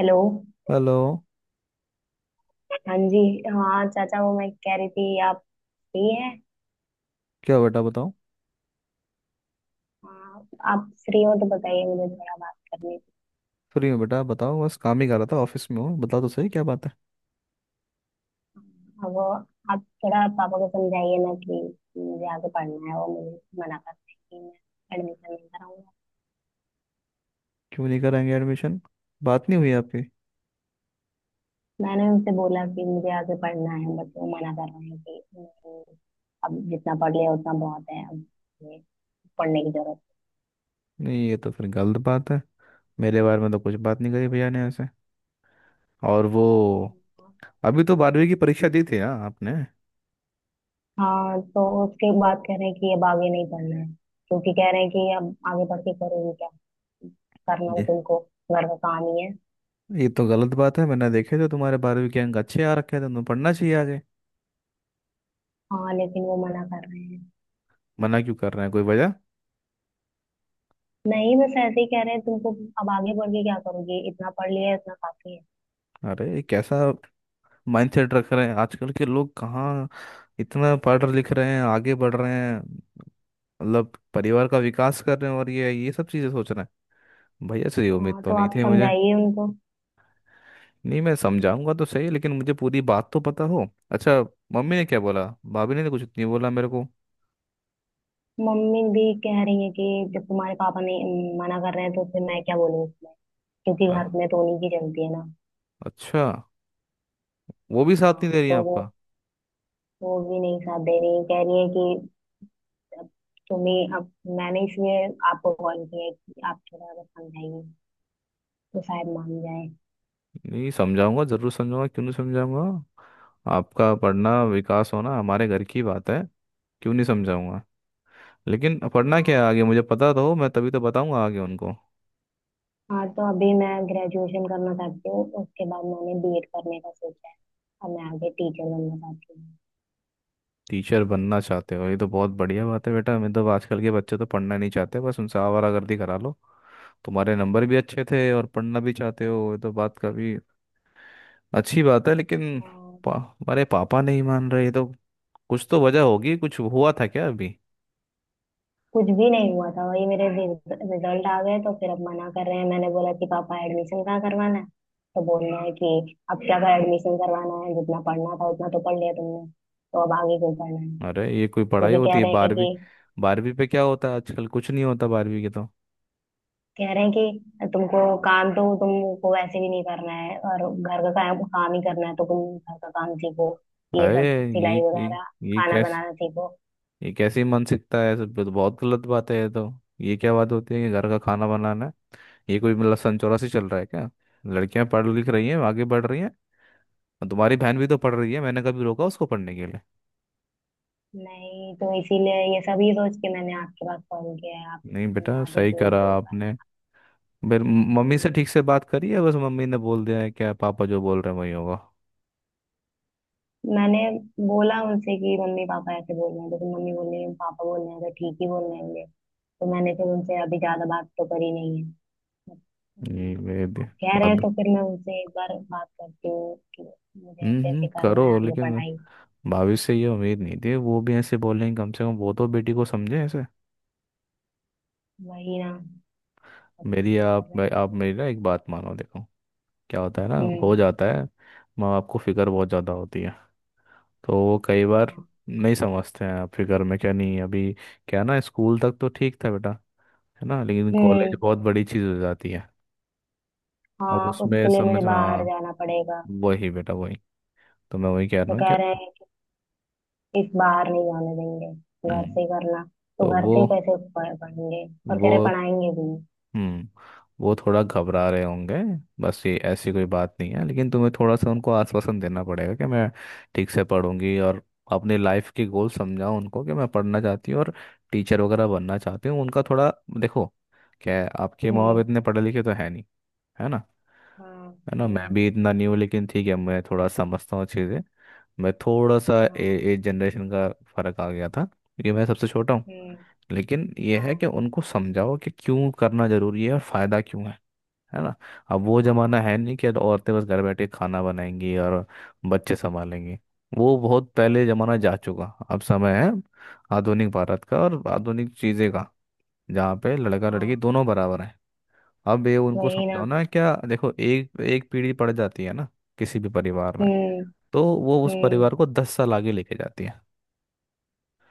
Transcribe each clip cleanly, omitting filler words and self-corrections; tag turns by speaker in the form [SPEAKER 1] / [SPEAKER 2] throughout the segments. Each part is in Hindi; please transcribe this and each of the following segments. [SPEAKER 1] हेलो।
[SPEAKER 2] हेलो।
[SPEAKER 1] हाँ जी। हाँ चाचा, वो मैं कह रही थी आप फ्री हैं?
[SPEAKER 2] क्या हुआ बेटा, बताओ।
[SPEAKER 1] हाँ, आप फ्री हो तो बताइए, मुझे थोड़ा बात करनी थी।
[SPEAKER 2] फ्री हूँ बेटा, बताओ, बस काम ही कर रहा था, ऑफिस में हूँ। बताओ तो सही, क्या बात है?
[SPEAKER 1] हाँ, वो आप थोड़ा पापा को समझाइए ना कि मुझे आगे पढ़ना है। वो मुझे मना करते हैं कि मैं एडमिशन नहीं कराऊंगा।
[SPEAKER 2] क्यों नहीं कराएंगे एडमिशन? बात नहीं हुई आपकी?
[SPEAKER 1] मैंने उनसे बोला कि मुझे आगे पढ़ना है बट वो मना कर रहे हैं कि नहीं, अब जितना पढ़ लिया उतना बहुत है। अब ये पढ़ने की जरूरत
[SPEAKER 2] नहीं, ये तो फिर गलत बात है। मेरे बारे में तो कुछ बात नहीं करी भैया ने ऐसे, और वो,
[SPEAKER 1] नहीं।
[SPEAKER 2] अभी तो बारहवीं की परीक्षा दी थी ना आपने?
[SPEAKER 1] हाँ, तो उसके बाद कह रहे हैं कि अब आगे नहीं पढ़ना है। क्योंकि कह रहे हैं कि अब आगे पढ़ के करोगे क्या, करना तो
[SPEAKER 2] ये
[SPEAKER 1] तुमको घर का काम ही है।
[SPEAKER 2] ये तो गलत बात है। मैंने देखे थे तुम्हारे 12वीं के अंक, अच्छे आ रखे थे, तुम्हें पढ़ना चाहिए आगे।
[SPEAKER 1] हाँ, लेकिन वो मना कर रहे हैं।
[SPEAKER 2] मना क्यों कर रहे हैं, कोई वजह?
[SPEAKER 1] नहीं, बस ऐसे ही कह रहे हैं, तुमको अब आगे पढ़ के क्या करोगे, इतना पढ़ लिया है, इतना काफी है।
[SPEAKER 2] अरे ये कैसा माइंडसेट रख रहे हैं, आजकल के लोग कहाँ इतना पढ़ लिख रहे हैं, आगे बढ़ रहे हैं, मतलब परिवार का विकास कर रहे हैं, और ये सब चीज़ें सोच रहे हैं। भैया से ये उम्मीद
[SPEAKER 1] हाँ,
[SPEAKER 2] तो
[SPEAKER 1] तो
[SPEAKER 2] नहीं
[SPEAKER 1] आप
[SPEAKER 2] थी मुझे।
[SPEAKER 1] समझाइए उनको।
[SPEAKER 2] नहीं, मैं समझाऊंगा तो सही, लेकिन मुझे पूरी बात तो पता हो। अच्छा, मम्मी ने क्या बोला? भाभी ने तो कुछ नहीं बोला मेरे को।
[SPEAKER 1] मम्मी भी कह रही है कि जब तुम्हारे पापा ने मना कर रहे हैं तो फिर मैं क्या बोलूँ उसमें, क्योंकि
[SPEAKER 2] अ-
[SPEAKER 1] घर में तो उन्हीं की चलती है ना।
[SPEAKER 2] अच्छा, वो भी साथ नहीं दे
[SPEAKER 1] हाँ,
[SPEAKER 2] रही है
[SPEAKER 1] तो वो
[SPEAKER 2] आपका?
[SPEAKER 1] वो भी नहीं साथ दे रही है, कह रही है कि। तो मैं अब, मैंने इसलिए आपको कॉल किया है कि आप थोड़ा अगर समझाइए तो शायद मान जाए।
[SPEAKER 2] नहीं, समझाऊंगा, जरूर समझाऊंगा, क्यों नहीं समझाऊंगा। आपका पढ़ना, विकास होना हमारे घर की बात है, क्यों नहीं समझाऊंगा। लेकिन पढ़ना क्या है
[SPEAKER 1] हाँ।
[SPEAKER 2] आगे, मुझे पता तो हो, मैं तभी तो बताऊंगा आगे उनको।
[SPEAKER 1] हाँ, तो अभी मैं ग्रेजुएशन करना चाहती हूँ, उसके बाद मैंने बीएड करने का सोचा है। और मैं आगे टीचर बनना चाहती हूँ।
[SPEAKER 2] टीचर बनना चाहते हो? ये तो बहुत बढ़िया बात है बेटा। मतलब आजकल के बच्चे तो पढ़ना नहीं चाहते, बस उनसे आवारागर्दी करा लो। तुम्हारे नंबर भी अच्छे थे और पढ़ना भी चाहते हो, ये तो बात काफी अच्छी बात है, लेकिन
[SPEAKER 1] हाँ,
[SPEAKER 2] पा, हमारे पापा नहीं मान रहे, ये तो कुछ तो वजह होगी, कुछ हुआ था क्या अभी?
[SPEAKER 1] कुछ भी नहीं हुआ था, वही मेरे रिजल्ट आ गए तो फिर अब मना कर रहे हैं। मैंने बोला कि पापा एडमिशन कहाँ करवाना है। तो बोल रहे हैं कि अब क्या कर एडमिशन करवाना है, जितना पढ़ना था उतना तो पढ़ लिया तुमने, तो अब आगे क्यों पढ़ना है।
[SPEAKER 2] अरे ये कोई पढ़ाई
[SPEAKER 1] क्योंकि कह
[SPEAKER 2] होती है,
[SPEAKER 1] रहे हैं
[SPEAKER 2] 12वीं?
[SPEAKER 1] कि
[SPEAKER 2] 12वीं पे क्या होता है आजकल? कुछ नहीं होता 12वीं के तो।
[SPEAKER 1] कह रहे हैं कि तुमको काम तो तुमको वैसे भी नहीं करना है, और घर का काम काम ही करना है तो तुम घर का काम सीखो, ये
[SPEAKER 2] अरे
[SPEAKER 1] सब सिलाई वगैरह,
[SPEAKER 2] ये
[SPEAKER 1] खाना
[SPEAKER 2] कैसे
[SPEAKER 1] बनाना सीखो।
[SPEAKER 2] ये कैसे मन सीखता है सब, तो बहुत गलत बात है ये तो। ये क्या बात होती है कि घर का खाना बनाना है? ये कोई मतलब सन 84 चल रहा है क्या? लड़कियां पढ़ लिख रही हैं, आगे बढ़ रही हैं, और तुम्हारी बहन भी तो पढ़ रही है, मैंने कभी रोका उसको पढ़ने के लिए?
[SPEAKER 1] नहीं, तो इसीलिए ये सब ही सोच के मैंने आपके पास कॉल किया है, आप
[SPEAKER 2] नहीं बेटा,
[SPEAKER 1] समझा
[SPEAKER 2] सही
[SPEAKER 1] दीजिए
[SPEAKER 2] करा
[SPEAKER 1] उनको एक बार।
[SPEAKER 2] आपने। फिर मम्मी से
[SPEAKER 1] बोलिए।
[SPEAKER 2] ठीक से बात करी है? बस मम्मी ने बोल दिया है क्या, पापा जो बोल रहे हैं वही होगा?
[SPEAKER 1] मैंने बोला उनसे कि मम्मी पापा ऐसे बोल रहे हैं, तो फिर मम्मी बोल रही है पापा बोल रहे हैं तो ठीक ही बोल रहे होंगे। तो मैंने फिर उनसे अभी ज्यादा बात तो करी नहीं है।
[SPEAKER 2] ये
[SPEAKER 1] हम्म।
[SPEAKER 2] वे भी
[SPEAKER 1] आप कह रहे हैं
[SPEAKER 2] अब।
[SPEAKER 1] तो फिर मैं उनसे एक बार बात करती हूँ कि मुझे
[SPEAKER 2] हम्म,
[SPEAKER 1] ऐसे ऐसे करना है
[SPEAKER 2] करो,
[SPEAKER 1] आगे
[SPEAKER 2] लेकिन
[SPEAKER 1] पढ़ाई।
[SPEAKER 2] भाभी से ये उम्मीद नहीं थी, वो भी ऐसे बोलेंगे, कम से कम वो तो बेटी को समझे ऐसे।
[SPEAKER 1] वही ना, सब
[SPEAKER 2] मेरी,
[SPEAKER 1] मना ही कर
[SPEAKER 2] आप
[SPEAKER 1] रहे हैं
[SPEAKER 2] आप
[SPEAKER 1] मुझे।
[SPEAKER 2] मेरी ना एक बात मानो, देखो क्या होता है ना, हो
[SPEAKER 1] हम्म।
[SPEAKER 2] जाता है। माँ बाप को फिक्र बहुत ज़्यादा होती है, तो वो कई बार
[SPEAKER 1] हाँ।
[SPEAKER 2] नहीं समझते हैं। आपके घर में क्या नहीं है। अभी क्या है ना, स्कूल तक तो ठीक था बेटा, है ना, लेकिन कॉलेज
[SPEAKER 1] हम्म।
[SPEAKER 2] बहुत बड़ी चीज़ हो जाती है। अब
[SPEAKER 1] हाँ,
[SPEAKER 2] उसमें
[SPEAKER 1] उसके लिए मुझे
[SPEAKER 2] समझ,
[SPEAKER 1] बाहर
[SPEAKER 2] हाँ,
[SPEAKER 1] जाना पड़ेगा।
[SPEAKER 2] वही बेटा वही, तो मैं वही कह
[SPEAKER 1] तो
[SPEAKER 2] रहा हूँ
[SPEAKER 1] कह
[SPEAKER 2] क्या।
[SPEAKER 1] रहे हैं कि इस बाहर नहीं जाने देंगे, घर
[SPEAKER 2] हम्म।
[SPEAKER 1] से ही करना। तो
[SPEAKER 2] तो
[SPEAKER 1] घर से ही कैसे पढ़ेंगे, और कह
[SPEAKER 2] वो
[SPEAKER 1] रहे पढ़ाएंगे भी।
[SPEAKER 2] हम्म वो थोड़ा घबरा रहे होंगे, बस ये ऐसी कोई बात नहीं है, लेकिन तुम्हें थोड़ा सा उनको आश्वासन देना पड़ेगा कि मैं ठीक से पढ़ूंगी और अपने लाइफ के गोल समझाओ उनको कि मैं पढ़ना चाहती हूँ और टीचर वगैरह बनना चाहती हूँ। उनका थोड़ा देखो क्या है, आपके माँ
[SPEAKER 1] हम्म।
[SPEAKER 2] बाप इतने पढ़े लिखे तो है नहीं, है ना?
[SPEAKER 1] हाँ।
[SPEAKER 2] है ना, मैं
[SPEAKER 1] हम्म।
[SPEAKER 2] भी इतना नहीं हूँ, लेकिन ठीक है, मैं थोड़ा समझता हूँ चीज़ें। मैं थोड़ा सा
[SPEAKER 1] हाँ।
[SPEAKER 2] एज जनरेशन का फर्क आ गया था, क्योंकि मैं सबसे छोटा हूँ।
[SPEAKER 1] हम्म।
[SPEAKER 2] लेकिन ये है कि
[SPEAKER 1] हाँ।
[SPEAKER 2] उनको समझाओ कि क्यों करना जरूरी है और फायदा क्यों है ना। अब वो जमाना है
[SPEAKER 1] हाँ।
[SPEAKER 2] नहीं कि अब औरतें बस घर बैठे खाना बनाएंगी और बच्चे संभालेंगी, वो बहुत पहले जमाना जा चुका। अब समय है आधुनिक भारत का और आधुनिक चीजें का, जहाँ पे लड़का लड़की
[SPEAKER 1] हाँ,
[SPEAKER 2] दोनों बराबर हैं। अब ये उनको
[SPEAKER 1] वही
[SPEAKER 2] समझाओ
[SPEAKER 1] ना।
[SPEAKER 2] ना, क्या, देखो एक एक पीढ़ी पड़ जाती है ना किसी भी परिवार में,
[SPEAKER 1] हम्म।
[SPEAKER 2] तो वो उस
[SPEAKER 1] हम्म।
[SPEAKER 2] परिवार को 10 साल आगे लेके जाती है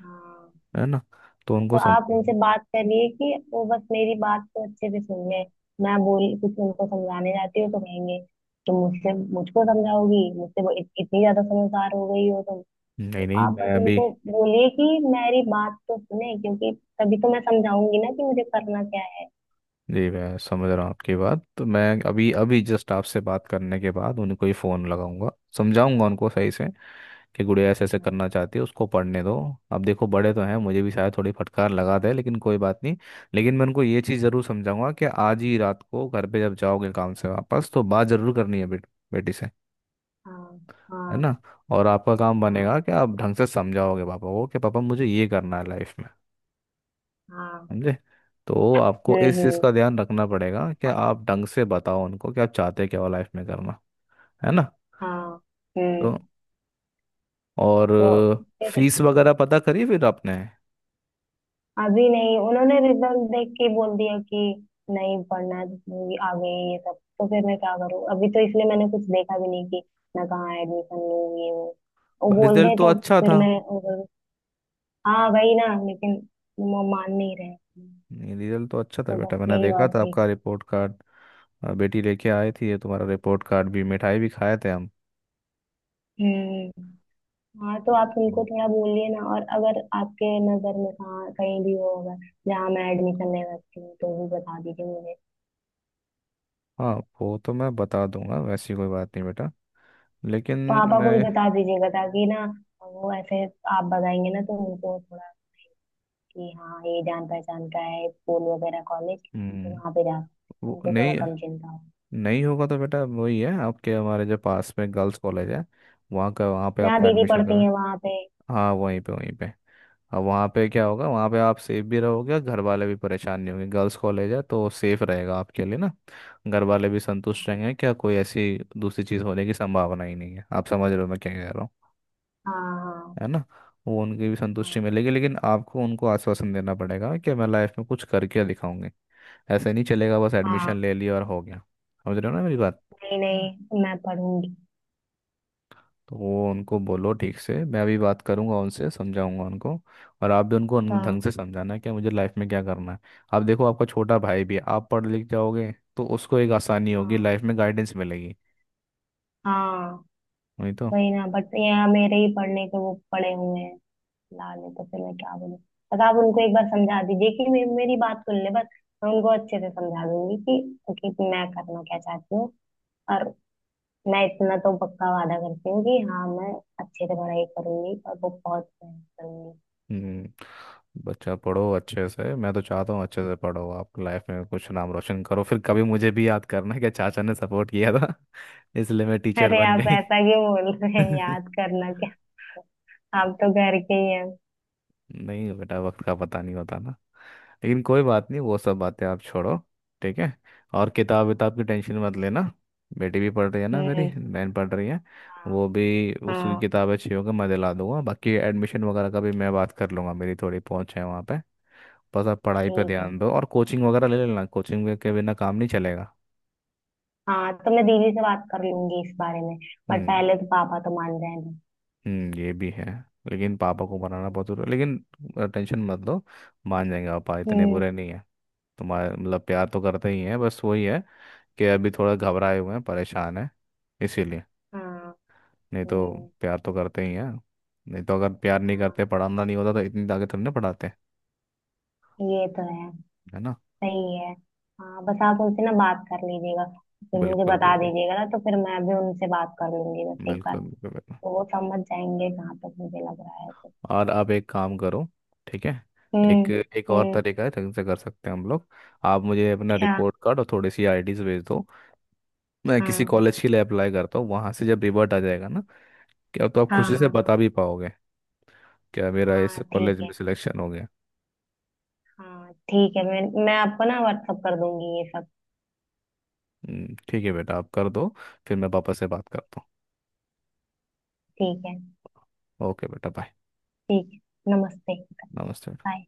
[SPEAKER 1] हाँ,
[SPEAKER 2] है ना, तो
[SPEAKER 1] तो
[SPEAKER 2] उनको
[SPEAKER 1] आप
[SPEAKER 2] समझाओ।
[SPEAKER 1] उनसे बात करिए कि वो बस मेरी बात को अच्छे से सुन ले। मैं बोल कुछ उनको समझाने जाती हूँ तो कहेंगे, तुम मुझसे मुझको समझाओगी, मुझसे वो इतनी ज्यादा समझदार हो गई हो तुम?
[SPEAKER 2] नहीं
[SPEAKER 1] तो
[SPEAKER 2] नहीं,
[SPEAKER 1] आप
[SPEAKER 2] मैं
[SPEAKER 1] बस
[SPEAKER 2] अभी,
[SPEAKER 1] उनको बोलिए कि मेरी बात तो सुने, क्योंकि तभी तो मैं समझाऊंगी ना कि मुझे करना क्या है।
[SPEAKER 2] जी मैं समझ रहा हूँ आपकी बात, तो मैं अभी अभी जस्ट आपसे बात करने के बाद उनको ही फ़ोन लगाऊंगा, समझाऊंगा उनको सही से कि गुड़िया ऐसे ऐसे
[SPEAKER 1] हाँ।
[SPEAKER 2] करना चाहती है, उसको पढ़ने दो। अब देखो बड़े तो हैं, मुझे भी शायद थोड़ी फटकार लगा दे, लेकिन कोई बात नहीं, लेकिन मैं उनको ये चीज़ ज़रूर समझाऊंगा कि आज ही रात को घर पे जब जाओगे काम से वापस तो बात ज़रूर करनी है बेटी से,
[SPEAKER 1] हाँ।
[SPEAKER 2] है
[SPEAKER 1] हाँ।
[SPEAKER 2] ना। और आपका काम
[SPEAKER 1] हाँ।
[SPEAKER 2] बनेगा कि आप ढंग से समझाओगे पापा को कि पापा मुझे ये करना है लाइफ में,
[SPEAKER 1] हाँ।
[SPEAKER 2] समझे? तो आपको
[SPEAKER 1] हम्म।
[SPEAKER 2] इस चीज़
[SPEAKER 1] हम्म।
[SPEAKER 2] का ध्यान रखना पड़ेगा कि आप ढंग से बताओ उनको कि आप चाहते क्या हो लाइफ में करना, है ना।
[SPEAKER 1] हाँ।
[SPEAKER 2] तो,
[SPEAKER 1] हम्म।
[SPEAKER 2] और
[SPEAKER 1] तो फिर
[SPEAKER 2] फीस वगैरह पता करी फिर आपने?
[SPEAKER 1] अभी नहीं, उन्होंने रिजल्ट देख के बोल दिया कि नहीं पढ़ना है, ये आ गई ये सब, तो फिर मैं क्या करूँ अभी, तो इसलिए मैंने कुछ देखा भी नहीं कि मैं कहाँ एडमिशन लूँ ये वो। वो बोल
[SPEAKER 2] रिजल्ट
[SPEAKER 1] दे
[SPEAKER 2] तो
[SPEAKER 1] तो
[SPEAKER 2] अच्छा
[SPEAKER 1] फिर
[SPEAKER 2] था।
[SPEAKER 1] मैं करूँ। हाँ, वही ना, लेकिन वो मान नहीं रहे,
[SPEAKER 2] नहीं, रिजल्ट तो अच्छा था
[SPEAKER 1] तो
[SPEAKER 2] बेटा,
[SPEAKER 1] बस
[SPEAKER 2] मैंने
[SPEAKER 1] यही
[SPEAKER 2] देखा
[SPEAKER 1] बात
[SPEAKER 2] था
[SPEAKER 1] थी।
[SPEAKER 2] आपका रिपोर्ट कार्ड, बेटी लेके आई थी ये तुम्हारा रिपोर्ट कार्ड, भी मिठाई भी खाए थे हम।
[SPEAKER 1] हम्म। हाँ, तो आप उनको
[SPEAKER 2] हम्म।
[SPEAKER 1] थोड़ा बोलिए ना, और अगर आपके नजर में कहाँ कहीं भी वो होगा जहाँ मैं एडमिशन ले सकती हूँ तो भी बता दीजिए मुझे।
[SPEAKER 2] हाँ, वो तो मैं बता दूंगा, वैसी कोई बात नहीं बेटा, लेकिन
[SPEAKER 1] पापा को भी
[SPEAKER 2] मैं,
[SPEAKER 1] बता दीजिएगा, ताकि ना वो ऐसे। आप बताएंगे ना तो उनको थोड़ा कि हाँ, ये जान पहचान का है स्कूल वगैरह कॉलेज तो
[SPEAKER 2] हम्म,
[SPEAKER 1] वहाँ पे जा सकते
[SPEAKER 2] वो
[SPEAKER 1] हैं। उनको थोड़ा
[SPEAKER 2] नहीं,
[SPEAKER 1] कम चिंता हो।
[SPEAKER 2] नहीं होगा तो बेटा वही है आपके हमारे जो पास में गर्ल्स कॉलेज है, वहाँ का, वहाँ पे
[SPEAKER 1] जहाँ
[SPEAKER 2] आपका
[SPEAKER 1] दीदी
[SPEAKER 2] एडमिशन
[SPEAKER 1] पढ़ती
[SPEAKER 2] करा।
[SPEAKER 1] है वहाँ पे।
[SPEAKER 2] हाँ, वहीं पे वहीं पे। अब वहाँ पे क्या होगा, वहाँ पे आप सेफ भी रहोगे और घर वाले भी परेशान नहीं होंगे, गर्ल्स कॉलेज है तो सेफ रहेगा आपके लिए ना। घर वाले भी संतुष्ट रहेंगे, क्या कोई ऐसी दूसरी चीज़ होने की संभावना ही नहीं है, आप समझ रहे हो मैं क्या कह रहा हूँ,
[SPEAKER 1] हाँ।
[SPEAKER 2] है ना। वो उनकी भी संतुष्टि
[SPEAKER 1] हाँ।
[SPEAKER 2] मिलेगी, लेकिन आपको उनको आश्वासन देना पड़ेगा कि मैं लाइफ में कुछ करके दिखाऊंगी, ऐसे नहीं चलेगा बस
[SPEAKER 1] हाँ।
[SPEAKER 2] एडमिशन
[SPEAKER 1] हाँ।
[SPEAKER 2] ले लिया और हो गया, समझ रहे हो ना मेरी बात?
[SPEAKER 1] नहीं नहीं, मैं पढ़ूंगी।
[SPEAKER 2] तो वो उनको बोलो ठीक से, मैं अभी बात करूंगा उनसे, समझाऊंगा उनको, और आप भी उनको ढंग
[SPEAKER 1] हाँ।
[SPEAKER 2] से समझाना है कि मुझे लाइफ में क्या करना है। आप देखो, आपका छोटा भाई भी है, आप पढ़ लिख जाओगे तो उसको एक आसानी होगी,
[SPEAKER 1] हाँ।
[SPEAKER 2] लाइफ में गाइडेंस मिलेगी,
[SPEAKER 1] हाँ,
[SPEAKER 2] वही तो।
[SPEAKER 1] वही ना, बट यहाँ मेरे ही पढ़ने के वो पड़े हुए हैं लाले, तो फिर मैं क्या बोलूँ। बस आप उनको एक बार समझा दीजिए कि मेरी बात सुन ले बस। मैं उनको अच्छे से समझा दूंगी कि मैं करना क्या चाहती हूँ। और मैं इतना तो पक्का वादा करती हूँ कि हाँ, मैं अच्छे से पढ़ाई करूंगी और वो बहुत मेहनत करूंगी।
[SPEAKER 2] हम्म। बच्चा पढ़ो अच्छे से, मैं तो चाहता हूँ अच्छे से पढ़ो आप, लाइफ में कुछ नाम रोशन करो, फिर कभी मुझे भी याद करना कि चाचा ने सपोर्ट किया था, इसलिए मैं टीचर
[SPEAKER 1] अरे,
[SPEAKER 2] बन
[SPEAKER 1] आप
[SPEAKER 2] गई।
[SPEAKER 1] ऐसा क्यों बोल रहे हैं? याद करना क्या, आप तो घर के ही हैं।
[SPEAKER 2] नहीं बेटा, वक्त का पता नहीं होता ना, लेकिन कोई बात नहीं, वो सब बातें आप छोड़ो। ठीक है, और किताब विताब की टेंशन मत लेना, बेटी भी पढ़ रही है ना, मेरी
[SPEAKER 1] हम्म।
[SPEAKER 2] बहन पढ़ रही है,
[SPEAKER 1] हाँ।
[SPEAKER 2] वो भी, उसकी
[SPEAKER 1] हाँ
[SPEAKER 2] किताबें अच्छी होगी मैं दिला दूंगा, बाकी एडमिशन वगैरह का भी मैं बात कर लूंगा, मेरी थोड़ी पहुंच है वहाँ पे। बस आप पढ़ाई पे
[SPEAKER 1] ठीक है।
[SPEAKER 2] ध्यान दो, और कोचिंग वगैरह ले लेना, कोचिंग के बिना काम नहीं चलेगा।
[SPEAKER 1] हाँ, तो मैं दीदी से बात कर लूंगी इस बारे में। बट
[SPEAKER 2] हम्म।
[SPEAKER 1] पहले तो पापा तो मान रहे हैं।
[SPEAKER 2] हम्म, ये भी है, लेकिन पापा को मनाना बहुत जरूरी है। लेकिन टेंशन मत लो, मान जाएंगे, पापा इतने
[SPEAKER 1] हम्म।
[SPEAKER 2] बुरे नहीं है तुम्हारे, मतलब प्यार तो करते ही हैं, बस वही है कि अभी थोड़ा घबराए हुए हैं, परेशान है, इसीलिए।
[SPEAKER 1] हाँ।
[SPEAKER 2] नहीं तो
[SPEAKER 1] हम्म।
[SPEAKER 2] प्यार तो करते ही हैं, नहीं तो अगर प्यार नहीं करते,
[SPEAKER 1] हाँ,
[SPEAKER 2] पढ़ाना नहीं होता तो इतनी आगे तुमने पढ़ाते,
[SPEAKER 1] ये तो है।
[SPEAKER 2] है ना।
[SPEAKER 1] सही है। हाँ, बस आप उनसे ना बात कर लीजिएगा। फिर मुझे
[SPEAKER 2] बिल्कुल
[SPEAKER 1] बता
[SPEAKER 2] बिल्कुल,
[SPEAKER 1] दीजिएगा ना, तो फिर मैं भी उनसे बात कर लूंगी बस एक बार।
[SPEAKER 2] बिल्कुल
[SPEAKER 1] तो
[SPEAKER 2] बिल्कुल बिल्कुल।
[SPEAKER 1] वो समझ जाएंगे जहां तक मुझे लग रहा है तो।
[SPEAKER 2] और आप एक काम करो, ठीक है,
[SPEAKER 1] हम्म।
[SPEAKER 2] एक एक और
[SPEAKER 1] हम्म।
[SPEAKER 2] तरीका है जिनसे कर सकते हैं हम लोग, आप मुझे अपना
[SPEAKER 1] क्या?
[SPEAKER 2] रिपोर्ट कार्ड और थोड़ी सी आईडीज भेज दो। मैं किसी
[SPEAKER 1] हाँ।
[SPEAKER 2] कॉलेज के लिए अप्लाई करता हूँ, वहाँ से जब रिवर्ट आ जाएगा ना, क्या तो आप
[SPEAKER 1] हाँ।
[SPEAKER 2] खुशी से
[SPEAKER 1] हाँ।
[SPEAKER 2] बता भी पाओगे क्या, मेरा इस
[SPEAKER 1] हाँ
[SPEAKER 2] कॉलेज
[SPEAKER 1] ठीक
[SPEAKER 2] में
[SPEAKER 1] है।
[SPEAKER 2] सिलेक्शन हो गया।
[SPEAKER 1] हाँ ठीक है, मैं आपको ना व्हाट्सअप कर दूंगी ये सब।
[SPEAKER 2] ठीक है बेटा, आप कर दो, फिर मैं पापा से बात करता
[SPEAKER 1] ठीक है।
[SPEAKER 2] हूँ। ओके बेटा, बाय।
[SPEAKER 1] ठीक है, नमस्ते।
[SPEAKER 2] नमस्ते।
[SPEAKER 1] बाय।